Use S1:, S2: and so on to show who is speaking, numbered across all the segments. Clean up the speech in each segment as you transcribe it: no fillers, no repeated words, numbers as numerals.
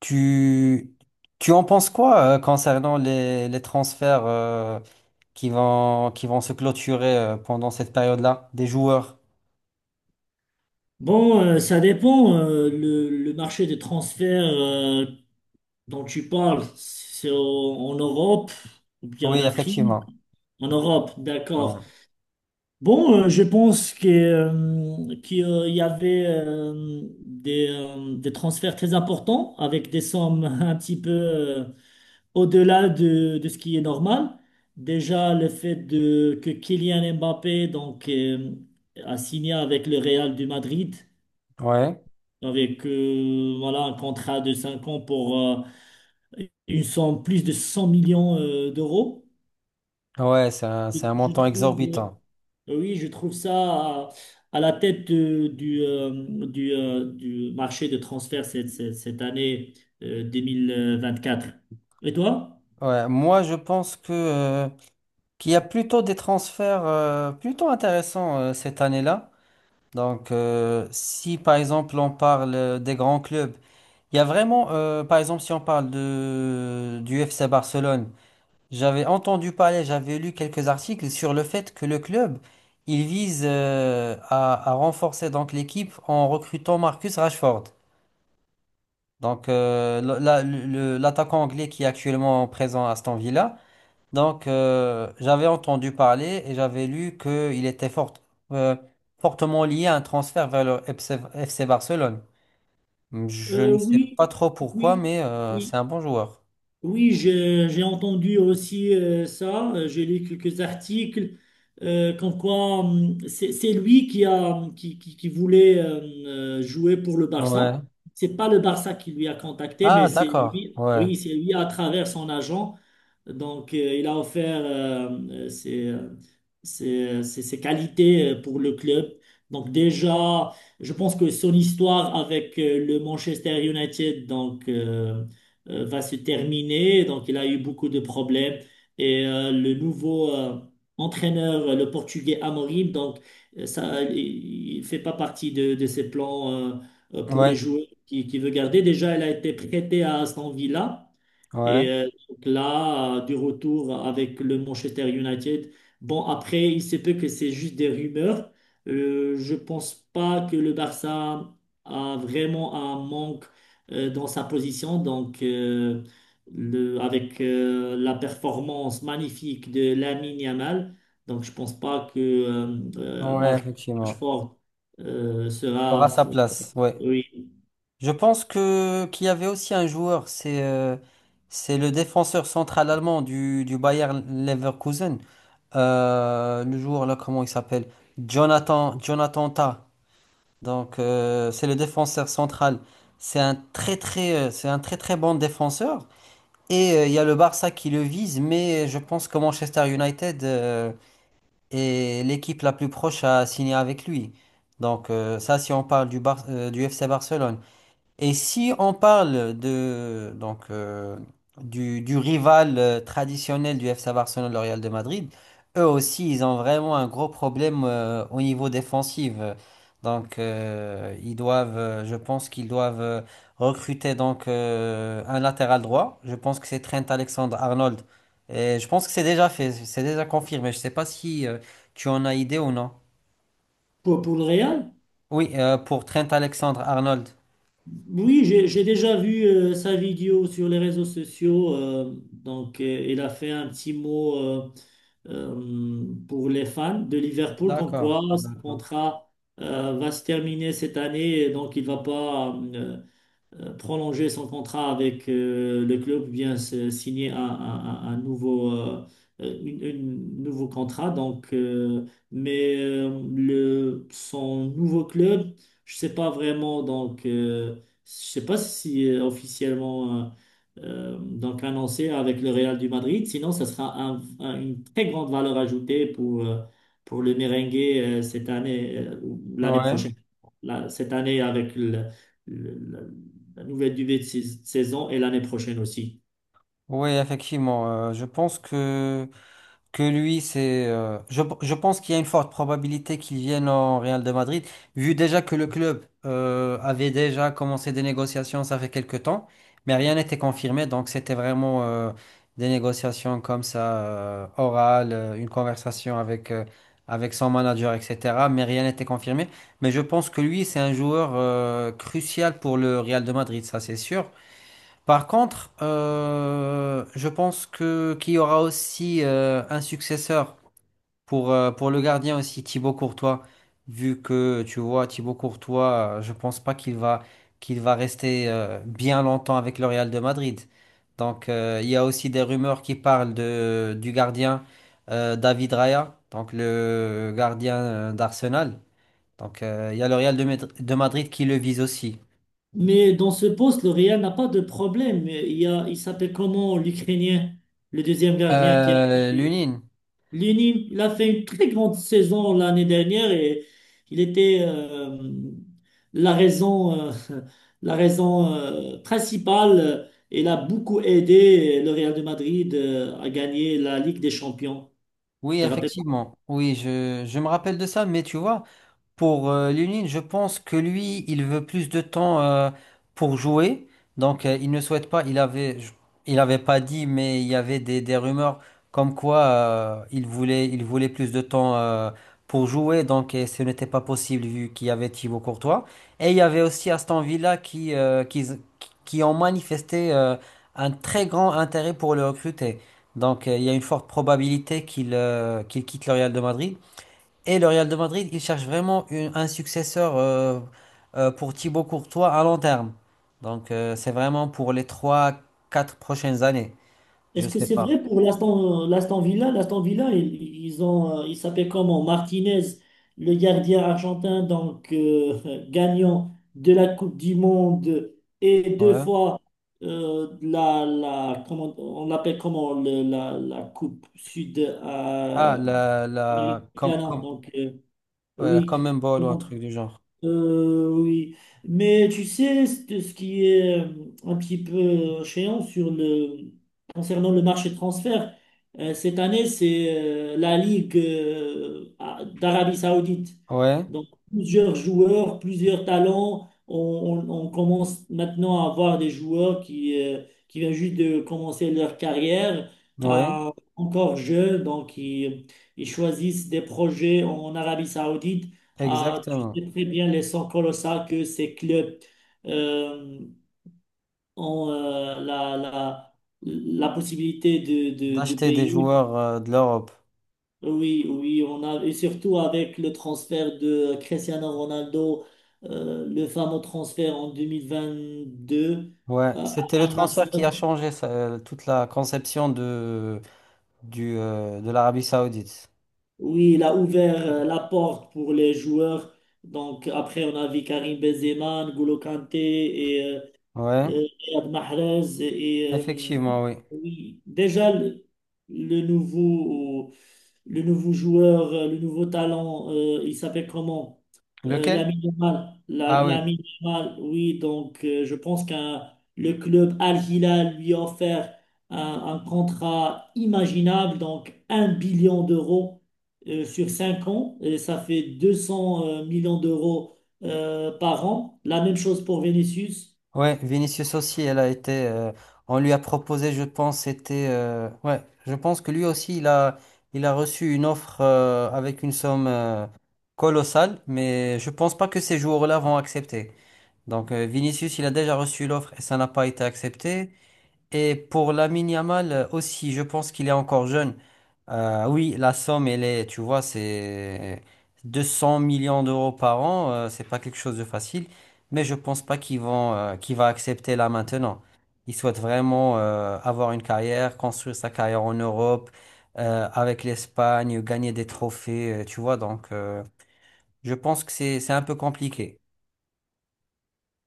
S1: Tu, tu en penses quoi concernant les transferts qui vont se clôturer pendant cette période-là des joueurs?
S2: Bon, ça dépend. Le marché des transferts dont tu parles, c'est en Europe ou bien
S1: Oui,
S2: en Afrique?
S1: effectivement.
S2: En Europe,
S1: Ouais,
S2: d'accord. Bon, je pense que, qu'il y avait des transferts très importants avec des sommes un petit peu au-delà de ce qui est normal. Déjà, que Kylian Mbappé donc, a signé avec le Real du Madrid
S1: ouais,
S2: avec voilà, un contrat de 5 ans pour une somme plus de 100 millions d'euros.
S1: ouais, c'est un,
S2: Je,
S1: c'est un
S2: je
S1: montant
S2: trouve,
S1: exorbitant.
S2: oui, je trouve ça à la tête du marché de transfert cette année 2024. Et toi?
S1: Ouais, moi, je pense que qu'il y a plutôt des transferts plutôt intéressants cette année-là. Donc, si par exemple on parle des grands clubs, il y a vraiment, par exemple, si on parle de, du FC Barcelone. J'avais entendu parler, j'avais lu quelques articles sur le fait que le club, il vise à renforcer donc l'équipe en recrutant Marcus Rashford. Donc l'attaquant anglais qui est actuellement présent à Aston Villa. Donc j'avais entendu parler et j'avais lu qu'il était euh, fortement lié à un transfert vers le FC Barcelone. Je
S2: Euh,
S1: ne sais
S2: oui,
S1: pas trop pourquoi,
S2: oui,
S1: mais c'est
S2: oui.
S1: un bon joueur.
S2: Oui, j'ai entendu aussi ça. J'ai lu quelques articles comme quoi c'est lui qui a qui, qui voulait jouer pour le Barça.
S1: Ouais.
S2: C'est pas le Barça qui lui a contacté, mais
S1: Ah,
S2: c'est
S1: d'accord.
S2: lui.
S1: Ouais.
S2: Oui, c'est lui à travers son agent. Donc, il a offert euh, ses, euh, ses qualités pour le club. Donc, déjà, je pense que son histoire avec le Manchester United donc, va se terminer. Donc, il a eu beaucoup de problèmes. Et le nouveau entraîneur, le Portugais Amorim, donc, ça, il ne fait pas partie de ses plans pour les
S1: Ouais.
S2: joueurs qu'il qui veut garder. Déjà, il a été prêté à Aston Villa. Et
S1: Ouais.
S2: donc là, du retour avec le Manchester United. Bon, après, il se peut que c'est juste des rumeurs. Je pense pas que le Barça a vraiment un manque dans sa position. Donc, avec la performance magnifique de Lamine Yamal, donc je pense pas que
S1: Ouais,
S2: Marcus
S1: effectivement.
S2: Rashford euh, sera,
S1: Aura sa place, ouais.
S2: oui,
S1: Je pense que qu'il y avait aussi un joueur, c'est le défenseur central allemand du Bayer Leverkusen. Le joueur là, comment il s'appelle? Jonathan Tah. Donc c'est le défenseur central. C'est un très très bon défenseur. Et il y a le Barça qui le vise, mais je pense que Manchester United et l'équipe la plus proche a signé avec lui. Donc ça, si on parle du FC Barcelone. Et si on parle de donc du rival traditionnel du FC Barcelone, le Real de Madrid, eux aussi ils ont vraiment un gros problème au niveau défensif. Donc ils doivent, je pense qu'ils doivent recruter donc un latéral droit. Je pense que c'est Trent Alexander-Arnold. Et je pense que c'est déjà fait, c'est déjà confirmé. Je sais pas si tu en as idée ou non.
S2: pour le Real.
S1: Oui, pour Trent Alexander-Arnold.
S2: Oui, j'ai déjà vu sa vidéo sur les réseaux sociaux. Donc, il a fait un petit mot pour les fans de Liverpool, comme quoi
S1: D'accord,
S2: son
S1: d'accord.
S2: contrat va se terminer cette année, et donc il va pas prolonger son contrat avec le club, ou bien signer un nouveau, nouveau contrat. Donc, mais son nouveau club, je sais pas vraiment. Donc, je sais pas si officiellement donc annoncé avec le Real du Madrid. Sinon, ça sera une très grande valeur ajoutée pour le merengue cette année, ou l'année
S1: Ouais.
S2: prochaine. Là, cette année, avec la nouvelle début de saison et l'année prochaine aussi.
S1: Oui, effectivement. Je pense que lui, je pense qu'il y a une forte probabilité qu'il vienne au Real de Madrid, vu déjà que le club avait déjà commencé des négociations, ça fait quelques temps, mais rien n'était confirmé. Donc, c'était vraiment des négociations comme ça, orales, une conversation avec, avec son manager, etc. Mais rien n'était confirmé. Mais je pense que lui, c'est un joueur crucial pour le Real de Madrid, ça, c'est sûr. Par contre, je pense que qu'il y aura aussi un successeur pour le gardien aussi, Thibaut Courtois. Vu que tu vois, Thibaut Courtois, je pense pas qu'il va qu'il va rester bien longtemps avec le Real de Madrid. Donc il y a aussi des rumeurs qui parlent de du gardien David Raya, donc le gardien d'Arsenal. Donc il y a le Real de Madrid qui le vise aussi.
S2: Mais dans ce poste, le Real n'a pas de problème. Il y a, il s'appelle comment l'Ukrainien, le deuxième gardien qui a été
S1: Lunin.
S2: Lunin. Il a fait une très grande saison l'année dernière et il était la raison, euh, la raison principale. Il a beaucoup aidé le Real de Madrid à gagner la Ligue des Champions. Tu
S1: Oui,
S2: te rappelles?
S1: effectivement. Oui, je me rappelle de ça, mais tu vois, pour Lunin, je pense que lui, il veut plus de temps pour jouer. Donc, il ne souhaite pas. Il avait pas dit, mais il y avait des rumeurs comme quoi il voulait plus de temps pour jouer. Donc, et ce n'était pas possible vu qu'il y avait Thibaut Courtois. Et il y avait aussi Aston Villa qui ont manifesté un très grand intérêt pour le recruter. Donc, il y a une forte probabilité qu'il quitte le Real de Madrid. Et le Real de Madrid, il cherche vraiment un successeur pour Thibaut Courtois à long terme. Donc c'est vraiment pour les trois, quatre prochaines années. Je
S2: Est-ce que
S1: sais
S2: c'est
S1: pas.
S2: vrai pour l'Aston Villa? L'Aston Villa, ils ont, il s'appelle comment? Martinez, le gardien argentin, donc gagnant de la Coupe du Monde et deux
S1: Ouais.
S2: fois on l'appelle comment le- la, la Coupe Sud
S1: Ah,
S2: américaine. Donc
S1: ouais, la
S2: oui,
S1: Common Ball ou un truc du genre.
S2: oui, mais tu sais, ce qui est un petit peu chiant sur concernant le marché de transfert, cette année, c'est la Ligue d'Arabie Saoudite.
S1: Ouais,
S2: Donc, plusieurs joueurs, plusieurs talents. On, on commence maintenant à avoir des joueurs qui viennent juste de commencer leur carrière,
S1: ouais,
S2: euh, encore jeunes, donc ils choisissent des projets en Arabie Saoudite. Ah, tu
S1: exactement.
S2: sais très bien les sons colossales que ces clubs euh, ont la possibilité de
S1: D'acheter des
S2: payer.
S1: joueurs de l'Europe.
S2: Oui, oui, on a, et surtout avec le transfert de Cristiano Ronaldo, le fameux transfert en 2022
S1: Ouais,
S2: à
S1: c'était le
S2: Al-Nassr.
S1: transfert qui a changé ça, toute la conception de l'Arabie Saoudite.
S2: Oui, il a ouvert la porte pour les joueurs. Donc après, on a vu Karim Benzema, N'Golo Kanté et
S1: Ouais,
S2: Riyad Mahrez et
S1: effectivement, oui.
S2: oui, déjà le nouveau le nouveau joueur, le nouveau talent, il s'appelle comment?
S1: Lequel?
S2: Lamine Yamal.
S1: Ah oui.
S2: Lamine Yamal, oui, donc je pense qu'un le club Al Hilal lui a offert un contrat imaginable, donc un billion d'euros sur 5 ans, et ça fait 200 millions d'euros par an. La même chose pour Vinicius.
S1: Ouais, Vinicius aussi, elle a été. On lui a proposé, je pense, c'était. Ouais, je pense que lui aussi, il a reçu une offre avec une somme colossale, mais je pense pas que ces joueurs-là vont accepter. Donc, Vinicius, il a déjà reçu l'offre et ça n'a pas été accepté. Et pour Lamine Yamal aussi, je pense qu'il est encore jeune. Oui, la somme, elle est, tu vois, c'est 200 millions d'euros par an. Euh, c'est pas quelque chose de facile. Mais je pense pas qu'ils vont, qu'il va accepter là maintenant. Il souhaite vraiment avoir une carrière, construire sa carrière en Europe, avec l'Espagne, gagner des trophées, tu vois. Donc, je pense que c'est un peu compliqué.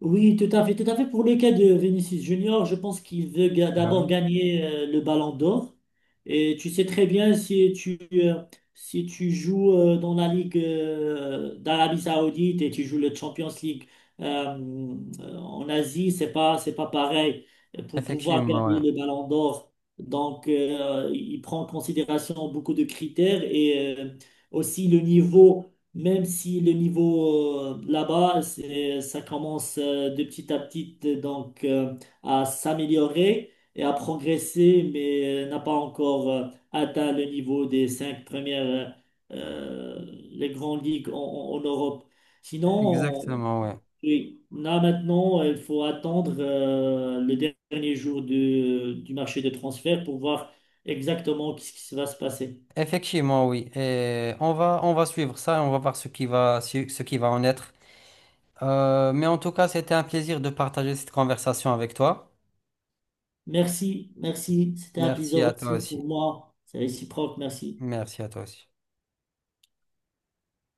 S2: Oui, tout à fait, tout à fait. Pour le cas de Vinicius Junior, je pense qu'il veut
S1: Ouais.
S2: d'abord gagner le Ballon d'Or. Et tu sais très bien si tu si tu joues dans la Ligue d'Arabie Saoudite et tu joues le Champions League euh, en Asie, c'est pas pareil pour pouvoir
S1: Effectivement, ouais.
S2: gagner le Ballon d'Or. Donc il prend en considération beaucoup de critères et aussi le niveau, même si le niveau là-bas, ça commence de petit à petit donc à s'améliorer et à progresser, mais n'a pas encore atteint le niveau des 5 premières euh, euh, les grandes ligues en Europe. Sinon,
S1: Exactement,
S2: on-
S1: ouais.
S2: oui, là maintenant, il faut attendre le dernier jour du marché des transferts pour voir exactement ce qui va se passer.
S1: Effectivement, oui. Et on va suivre ça et on va voir ce qui va, ce qui va en être. Mais en tout cas, c'était un plaisir de partager cette conversation avec toi.
S2: Merci, merci. C'était un plaisir
S1: Merci à toi
S2: aussi pour
S1: aussi.
S2: moi. C'est réciproque, merci.
S1: Merci à toi aussi.